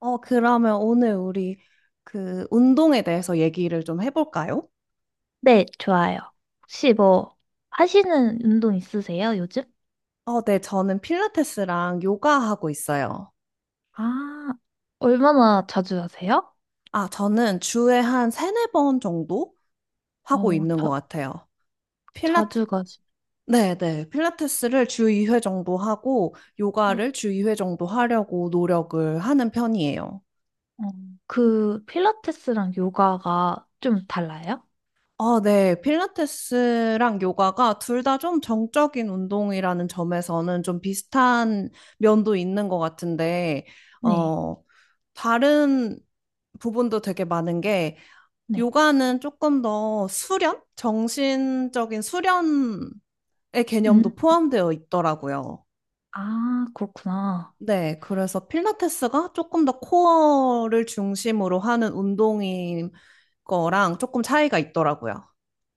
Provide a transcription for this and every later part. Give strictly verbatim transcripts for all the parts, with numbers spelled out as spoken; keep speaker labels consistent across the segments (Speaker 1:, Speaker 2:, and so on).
Speaker 1: 어, 그러면 오늘 우리 그 운동에 대해서 얘기를 좀 해볼까요?
Speaker 2: 네, 좋아요. 혹시 뭐 하시는 운동 있으세요, 요즘?
Speaker 1: 어, 네, 저는 필라테스랑 요가 하고 있어요.
Speaker 2: 아, 얼마나 자주 하세요?
Speaker 1: 아, 저는 주에 한 세네 번 정도 하고
Speaker 2: 어,
Speaker 1: 있는 것
Speaker 2: 자,
Speaker 1: 같아요. 필라테,
Speaker 2: 자주 가시.
Speaker 1: 네, 네. 필라테스를 주 이 회 정도 하고 요가를
Speaker 2: 네.
Speaker 1: 주 이 회 정도 하려고 노력을 하는 편이에요.
Speaker 2: 어, 그 필라테스랑 요가가 좀 달라요?
Speaker 1: 아, 네. 필라테스랑 요가가 둘 다 좀 정적인 운동이라는 점에서는 좀 비슷한 면도 있는 것 같은데,
Speaker 2: 네.
Speaker 1: 어, 다른 부분도 되게 많은 게,
Speaker 2: 네.
Speaker 1: 요가는 조금 더 수련? 정신적인 수련의 개념도
Speaker 2: 음.
Speaker 1: 포함되어 있더라고요.
Speaker 2: 아, 그렇구나.
Speaker 1: 네. 그래서 필라테스가 조금 더 코어를 중심으로 하는 운동인 거랑 조금 차이가 있더라고요.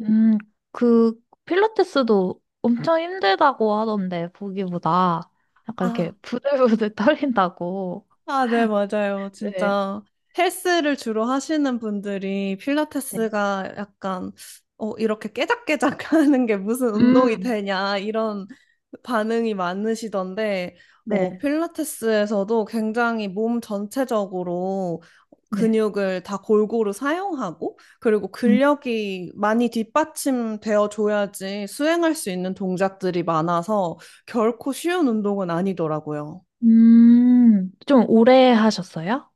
Speaker 2: 음, 그 필라테스도 엄청 힘들다고 하던데 보기보다 약간 이렇게
Speaker 1: 아,
Speaker 2: 부들부들 떨린다고.
Speaker 1: 아, 네, 맞아요.
Speaker 2: 네.
Speaker 1: 진짜 헬스를 주로 하시는 분들이
Speaker 2: 네.
Speaker 1: 필라테스가 약간 어, 이렇게 깨작깨작 하는 게 무슨 운동이
Speaker 2: 음.
Speaker 1: 되냐 이런 반응이 많으시던데 어,
Speaker 2: 네.
Speaker 1: 필라테스에서도 굉장히 몸 전체적으로
Speaker 2: 네.
Speaker 1: 근육을 다 골고루 사용하고 그리고 근력이 많이 뒷받침되어 줘야지 수행할 수 있는 동작들이 많아서 결코 쉬운 운동은 아니더라고요.
Speaker 2: 음, 좀 오래 하셨어요?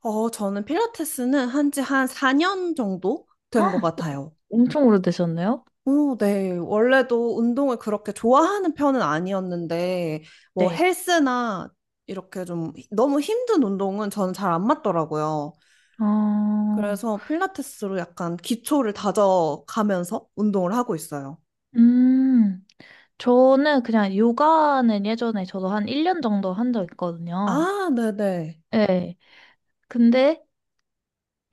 Speaker 1: 어, 저는 필라테스는 한지 한 사 년 정도 된 것
Speaker 2: 아,
Speaker 1: 같아요.
Speaker 2: 엄청 오래되셨네요?
Speaker 1: 오, 네. 원래도 운동을 그렇게 좋아하는 편은 아니었는데, 뭐
Speaker 2: 네.
Speaker 1: 헬스나 이렇게 좀 너무 힘든 운동은 저는 잘 안 맞더라고요.
Speaker 2: 어,
Speaker 1: 그래서 필라테스로 약간 기초를 다져가면서 운동을 하고 있어요.
Speaker 2: 음, 저는 그냥 요가는 예전에 저도 한 일 년 정도 한 적 있거든요.
Speaker 1: 아, 네네.
Speaker 2: 네. 근데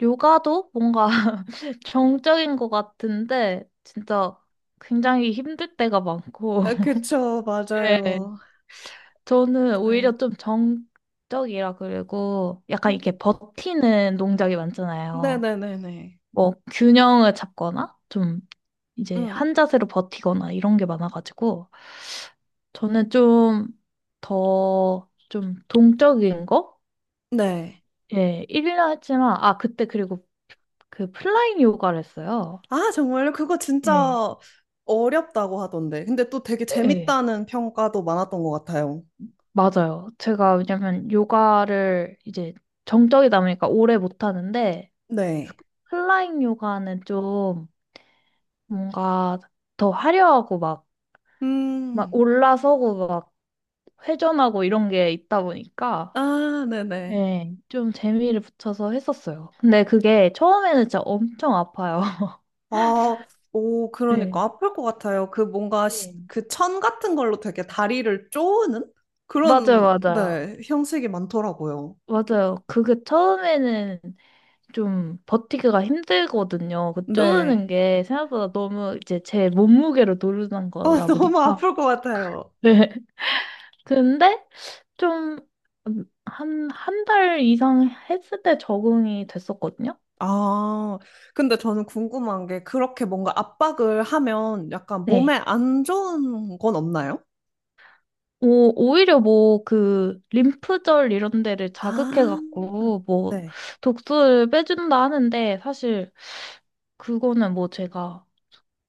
Speaker 2: 요가도 뭔가 정적인 것 같은데 진짜 굉장히 힘들 때가 많고.
Speaker 1: 아, 그쵸,
Speaker 2: 네.
Speaker 1: 맞아요.
Speaker 2: 저는
Speaker 1: 맞아요.
Speaker 2: 오히려 좀 정적이라 그리고 약간
Speaker 1: 음,
Speaker 2: 이렇게 버티는 동작이 많잖아요.
Speaker 1: 네네네네.
Speaker 2: 뭐 균형을 잡거나 좀 이제
Speaker 1: 음,
Speaker 2: 한 자세로 버티거나 이런 게 많아가지고 저는 좀 더 좀 동적인 거?
Speaker 1: 네.
Speaker 2: 예, 일 년 했지만 아 그때 그리고 그 플라잉 요가를 했어요.
Speaker 1: 아, 정말요? 그거
Speaker 2: 예.
Speaker 1: 진짜 어렵다고 하던데. 근데 또 되게
Speaker 2: 예.
Speaker 1: 재밌다는 평가도 많았던 것 같아요.
Speaker 2: 맞아요. 제가 왜냐면 요가를 이제 정적이다 보니까 오래 못 하는데
Speaker 1: 네.
Speaker 2: 플라잉 요가는 좀 뭔가 더 화려하고 막 막
Speaker 1: 음,
Speaker 2: 올라서고 회전하고 이런 게 있다 보니까
Speaker 1: 아, 네네.
Speaker 2: 네. 좀 재미를 붙여서 했었어요. 근데 그게 처음에는 진짜 엄청 아파요.
Speaker 1: 아, 오,
Speaker 2: 네.
Speaker 1: 그러니까 아플 것 같아요. 그 뭔가
Speaker 2: 네.
Speaker 1: 그 천 같은 걸로 되게 다리를 쪼는
Speaker 2: 맞아요,
Speaker 1: 그런,
Speaker 2: 맞아요.
Speaker 1: 네, 형식이 많더라고요.
Speaker 2: 맞아요. 그게 처음에는 좀 버티기가 힘들거든요. 그 쪼는
Speaker 1: 네.
Speaker 2: 게 생각보다 너무 이제 제 몸무게로 누르는
Speaker 1: 아,
Speaker 2: 거다
Speaker 1: 너무
Speaker 2: 보니까.
Speaker 1: 아플 것 같아요.
Speaker 2: 네. 근데 좀 한, 한 달 이상 했을 때 적응이 됐었거든요.
Speaker 1: 아, 근데 저는 궁금한 게 그렇게 뭔가 압박을 하면 약간 몸에
Speaker 2: 네.
Speaker 1: 안 좋은 건 없나요?
Speaker 2: 오, 오히려 뭐, 그, 림프절 이런 데를
Speaker 1: 아,
Speaker 2: 자극해갖고, 뭐,
Speaker 1: 네.
Speaker 2: 독소를 빼준다 하는데, 사실, 그거는 뭐 제가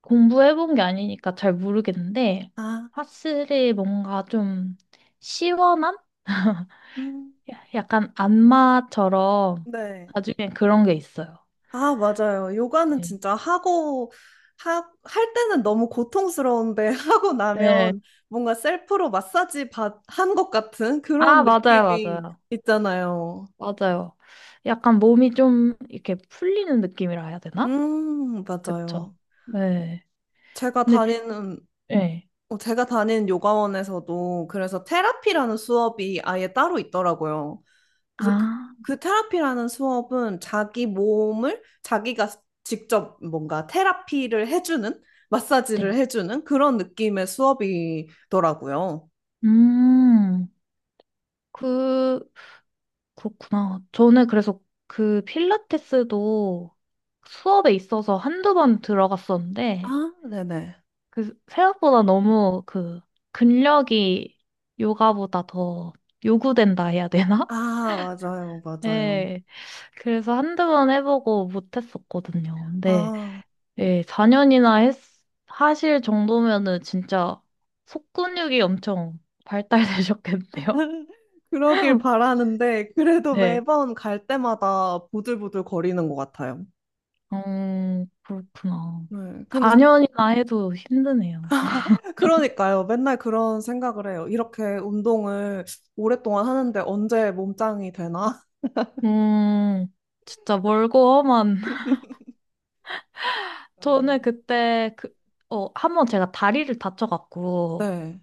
Speaker 2: 공부해본 게 아니니까 잘 모르겠는데,
Speaker 1: 아,
Speaker 2: 확실히 뭔가 좀 시원한? 야-
Speaker 1: 음,
Speaker 2: 약간 안마처럼,
Speaker 1: 네.
Speaker 2: 나중에 그런 게 있어요.
Speaker 1: 아, 맞아요. 요가는
Speaker 2: 네.
Speaker 1: 진짜 하고, 하, 할 때는 너무 고통스러운데, 하고 나면
Speaker 2: 네.
Speaker 1: 뭔가 셀프로 마사지 받, 한 것 같은
Speaker 2: 아,
Speaker 1: 그런
Speaker 2: 맞아요,
Speaker 1: 느낌이
Speaker 2: 맞아요.
Speaker 1: 있잖아요.
Speaker 2: 맞아요. 약간 몸이 좀 이렇게 풀리는 느낌이라 해야 되나?
Speaker 1: 음,
Speaker 2: 그쵸.
Speaker 1: 맞아요.
Speaker 2: 네.
Speaker 1: 제가
Speaker 2: 근데, 비-
Speaker 1: 다니는,
Speaker 2: 예.
Speaker 1: 어, 제가 다니는 요가원에서도 그래서 테라피라는 수업이 아예 따로 있더라고요. 그래서 그,
Speaker 2: 아,
Speaker 1: 그 테라피라는 수업은 자기 몸을 자기가 직접 뭔가 테라피를 해주는, 마사지를
Speaker 2: 네.
Speaker 1: 해주는 그런 느낌의 수업이더라고요.
Speaker 2: 음, 그, 그렇구나. 저는 그래서 그 필라테스도 수업에 있어서 한두 번 들어갔었는데,
Speaker 1: 아, 네네.
Speaker 2: 그, 생각보다 너무 그, 근력이 요가보다 더 요구된다 해야 되나?
Speaker 1: 아, 맞아요, 맞아요.
Speaker 2: 예, 그래서 한두 번 해보고 못했었거든요. 근데,
Speaker 1: 아,
Speaker 2: 예, 사 년이나 했, 하실 정도면은 진짜 속근육이 엄청 발달되셨겠네요.
Speaker 1: 그러길 바라는데, 그래도
Speaker 2: 네.
Speaker 1: 매번 갈 때마다 보들보들 거리는 것 같아요.
Speaker 2: 어, 그렇구나.
Speaker 1: 네, 근데,
Speaker 2: 사 년이나 해도 힘드네요.
Speaker 1: 그러니까요. 맨날 그런 생각을 해요. 이렇게 운동을 오랫동안 하는데 언제 몸짱이 되나?
Speaker 2: 음, 진짜 멀고 험한. 저는
Speaker 1: 맞아요.
Speaker 2: 그때 그, 어, 한 번 제가 다리를 다쳐갖고
Speaker 1: 네.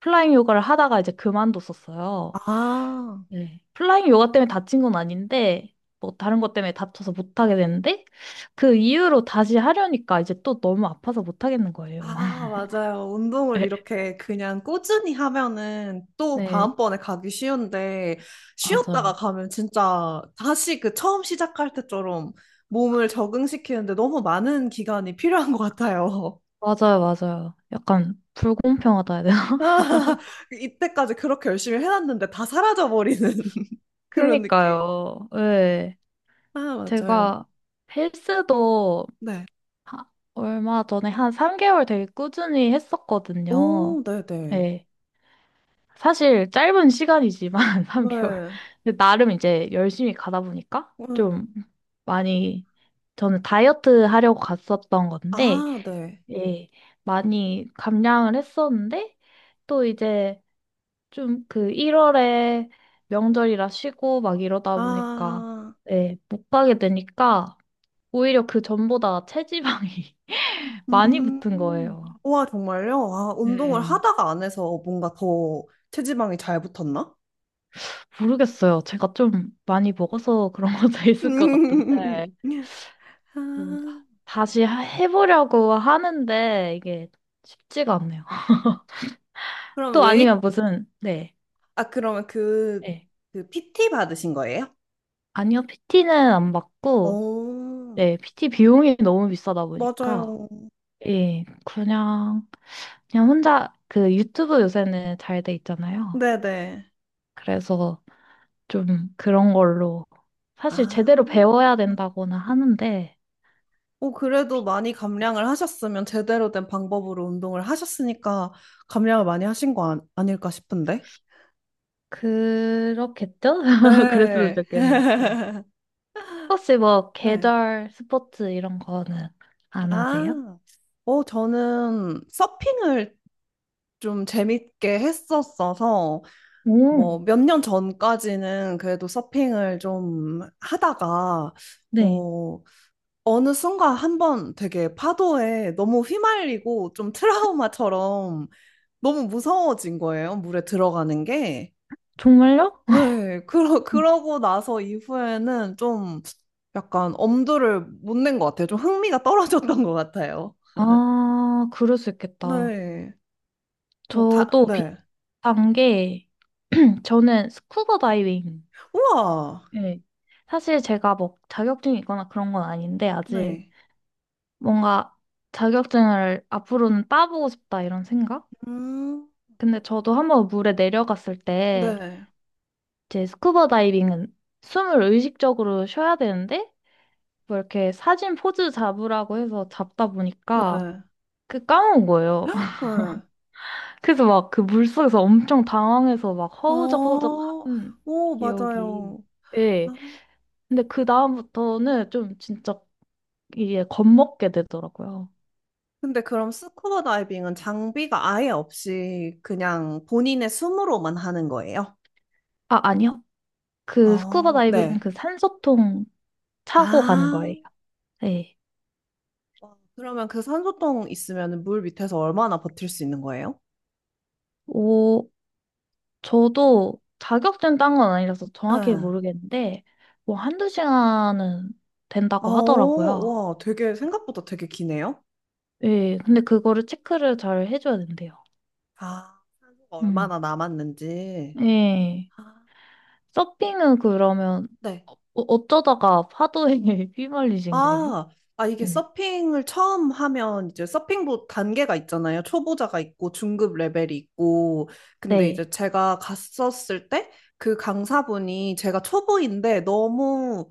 Speaker 2: 플라잉 요가를 하다가 이제 그만뒀었어요.
Speaker 1: 아,
Speaker 2: 네. 플라잉 요가 때문에 다친 건 아닌데, 뭐 다른 것 때문에 다쳐서 못하게 됐는데, 그 이후로 다시 하려니까 이제 또 너무 아파서 못하겠는 거예요.
Speaker 1: 아, 맞아요. 운동을
Speaker 2: 네,
Speaker 1: 이렇게 그냥 꾸준히 하면은 또
Speaker 2: 네,
Speaker 1: 다음번에 가기 쉬운데, 쉬었다가
Speaker 2: 맞아요.
Speaker 1: 가면 진짜 다시 그 처음 시작할 때처럼 몸을 적응시키는데 너무 많은 기간이 필요한 것 같아요.
Speaker 2: 맞아요, 맞아요. 약간 불공평하다 해야 되나?
Speaker 1: 아, 이때까지 그렇게 열심히 해놨는데 다 사라져버리는 그런 느낌.
Speaker 2: 그니까요. 예.
Speaker 1: 아, 맞아요.
Speaker 2: 제가 헬스도
Speaker 1: 네.
Speaker 2: 하- 얼마 전에 한 삼 개월 되게 꾸준히 했었거든요.
Speaker 1: 오, 네네. 네.
Speaker 2: 예. 사실 짧은 시간이지만 삼 개월.
Speaker 1: 네.
Speaker 2: 근데 나름 이제 열심히 가다 보니까
Speaker 1: 음.
Speaker 2: 좀 많이, 저는 다이어트 하려고 갔었던 건데
Speaker 1: 아, 네.
Speaker 2: 예. 많이 감량을 했었는데 또 이제 좀 그 일월에 명절이라 쉬고 막 이러다 보니까
Speaker 1: 아.
Speaker 2: 네, 못 가게 되니까 오히려 그 전보다 체지방이 많이 붙은
Speaker 1: 음,
Speaker 2: 거예요.
Speaker 1: 와, 정말요? 아, 운동을
Speaker 2: 네.
Speaker 1: 하다가 안 해서 뭔가 더 체지방이 잘 붙었나?
Speaker 2: 모르겠어요. 제가 좀 많이 먹어서 그런 것도 있을 것
Speaker 1: 음.
Speaker 2: 같은데 음,
Speaker 1: 아,
Speaker 2: 다- 다시 하- 해보려고 하는데 이게 쉽지가 않네요.
Speaker 1: 아, 그럼
Speaker 2: 또
Speaker 1: 웨이트,
Speaker 2: 아니면 무슨 네,
Speaker 1: 아, 그러면 그,
Speaker 2: 네.
Speaker 1: 그 피 티 받으신 거예요?
Speaker 2: 아니요, 피티는 안 받고
Speaker 1: 어,
Speaker 2: 네 피티 비용이 너무 비싸다 보니까
Speaker 1: 맞아요.
Speaker 2: 예, 그냥, 그냥 혼자 그 유튜브 요새는 잘 돼 있잖아요.
Speaker 1: 네네.
Speaker 2: 그래서 좀 그런 걸로 사실
Speaker 1: 아,
Speaker 2: 제대로 배워야 된다고는 하는데,
Speaker 1: 어, 그래도 많이 감량을 하셨으면 제대로 된 방법으로 운동을 하셨으니까 감량을 많이 하신 거 아, 아닐까 싶은데?
Speaker 2: 그렇겠죠? 그랬으면
Speaker 1: 네.
Speaker 2: 좋겠네요. 네. 혹시 뭐
Speaker 1: 네.
Speaker 2: 계절 스포츠 이런 거는 안 하세요?
Speaker 1: 아, 어, 저는 서핑을 좀 재밌게 했었어서,
Speaker 2: 오,
Speaker 1: 뭐, 몇 년 전까지는 그래도 서핑을 좀 하다가,
Speaker 2: 네.
Speaker 1: 어, 어느 순간 한 번 되게 파도에 너무 휘말리고 좀 트라우마처럼 너무 무서워진 거예요, 물에 들어가는 게.
Speaker 2: 정말요?
Speaker 1: 네, 그러, 그러고 나서 이후에는 좀 약간 엄두를 못 낸 것 같아요. 좀 흥미가 떨어졌던 것 같아요.
Speaker 2: 아, 그럴 수 있겠다.
Speaker 1: 네. 뭐 다,
Speaker 2: 저도
Speaker 1: 네.
Speaker 2: 비슷한 게, 저는 스쿠버 다이빙.
Speaker 1: 우와!
Speaker 2: 네. 사실 제가 뭐 자격증이 있거나 그런 건 아닌데, 아직
Speaker 1: 네.
Speaker 2: 뭔가 자격증을 앞으로는 따보고 싶다 이런 생각?
Speaker 1: 음,
Speaker 2: 근데 저도 한번 물에 내려갔을 때,
Speaker 1: 네,
Speaker 2: 이제 스쿠버 다이빙은 숨을 의식적으로 쉬어야 되는데, 뭐 이렇게 사진 포즈 잡으라고 해서 잡다
Speaker 1: 네,
Speaker 2: 보니까 그 까먹은 거예요.
Speaker 1: 네.
Speaker 2: 그래서 막 그 물속에서 엄청 당황해서 막 허우적허우적
Speaker 1: 어,
Speaker 2: 한
Speaker 1: 오,
Speaker 2: 기억이.
Speaker 1: 맞아요.
Speaker 2: 예.
Speaker 1: 아,
Speaker 2: 근데 그 다음부터는 좀 진짜 이게 겁먹게 되더라고요.
Speaker 1: 근데 그럼 스쿠버 다이빙은 장비가 아예 없이 그냥 본인의 숨으로만 하는 거예요?
Speaker 2: 아, 아니요. 그 스쿠버
Speaker 1: 어,
Speaker 2: 다이빙은
Speaker 1: 네.
Speaker 2: 그 산소통 차고 가는 거예요.
Speaker 1: 아,
Speaker 2: 네.
Speaker 1: 와, 그러면 그 산소통 있으면 물 밑에서 얼마나 버틸 수 있는 거예요?
Speaker 2: 오, 저도 자격증 딴 건 아니라서 정확히
Speaker 1: 네.
Speaker 2: 모르겠는데, 뭐 한두 시간은
Speaker 1: 어,
Speaker 2: 된다고 하더라고요.
Speaker 1: 와, 되게 생각보다 되게 기네요.
Speaker 2: 예, 근데 그거를 체크를 잘 해줘야 된대요.
Speaker 1: 아, 산소가
Speaker 2: 음.
Speaker 1: 얼마나 남았는지.
Speaker 2: 예.
Speaker 1: 아,
Speaker 2: 서핑은 그러면
Speaker 1: 네.
Speaker 2: 어, 어쩌다가 파도에 휘말리신 거예요?
Speaker 1: 아, 아, 이게
Speaker 2: 네.
Speaker 1: 서핑을 처음 하면 이제 서핑보 단계가 있잖아요. 초보자가 있고 중급 레벨이 있고. 근데
Speaker 2: 네.
Speaker 1: 이제 제가 갔었을 때 그 강사분이 제가 초보인데 너무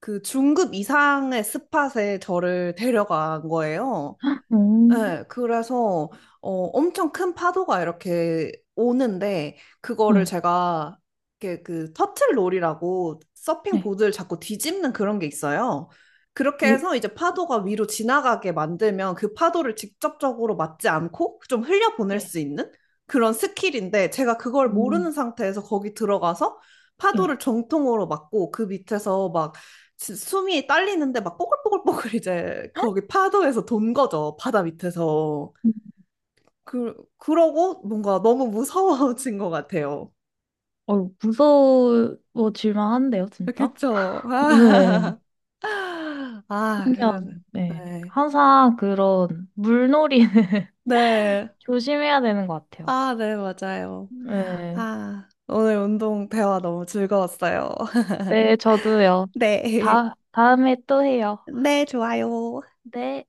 Speaker 1: 그 중급 이상의 스팟에 저를 데려간 거예요.
Speaker 2: 음.
Speaker 1: 네, 그래서 어, 엄청 큰 파도가 이렇게 오는데 그거를
Speaker 2: 네.
Speaker 1: 제가 이렇게 그 터틀롤이라고 서핑
Speaker 2: 네.
Speaker 1: 보드를 자꾸 뒤집는 그런 게 있어요. 그렇게
Speaker 2: 오.
Speaker 1: 해서 이제 파도가 위로 지나가게 만들면 그 파도를 직접적으로 맞지 않고 좀 흘려보낼
Speaker 2: 네.
Speaker 1: 수 있는 그런 스킬인데 제가 그걸 모르는
Speaker 2: 음.
Speaker 1: 상태에서 거기 들어가서
Speaker 2: 네.
Speaker 1: 파도를 정통으로 맞고 그 밑에서 막 지- 숨이 딸리는데 막 뽀글뽀글뽀글 이제 거기 파도에서 돈 거죠. 바다 밑에서. 그, 그러고 뭔가 너무 무서워진 것 같아요.
Speaker 2: 어, 무서워질만 한데요, 진짜?
Speaker 1: 그쵸?
Speaker 2: 네.
Speaker 1: 아, 아,
Speaker 2: 신기한.
Speaker 1: 그래서,
Speaker 2: 네.
Speaker 1: 네.
Speaker 2: 항상 그런 물놀이는
Speaker 1: 네.
Speaker 2: 조심해야 되는 것 같아요.
Speaker 1: 아, 네, 맞아요.
Speaker 2: 네.
Speaker 1: 아, 오늘 운동 대화 너무 즐거웠어요.
Speaker 2: 네, 저도요.
Speaker 1: 네.
Speaker 2: 다, 다음에 또 해요.
Speaker 1: 네, 좋아요.
Speaker 2: 네.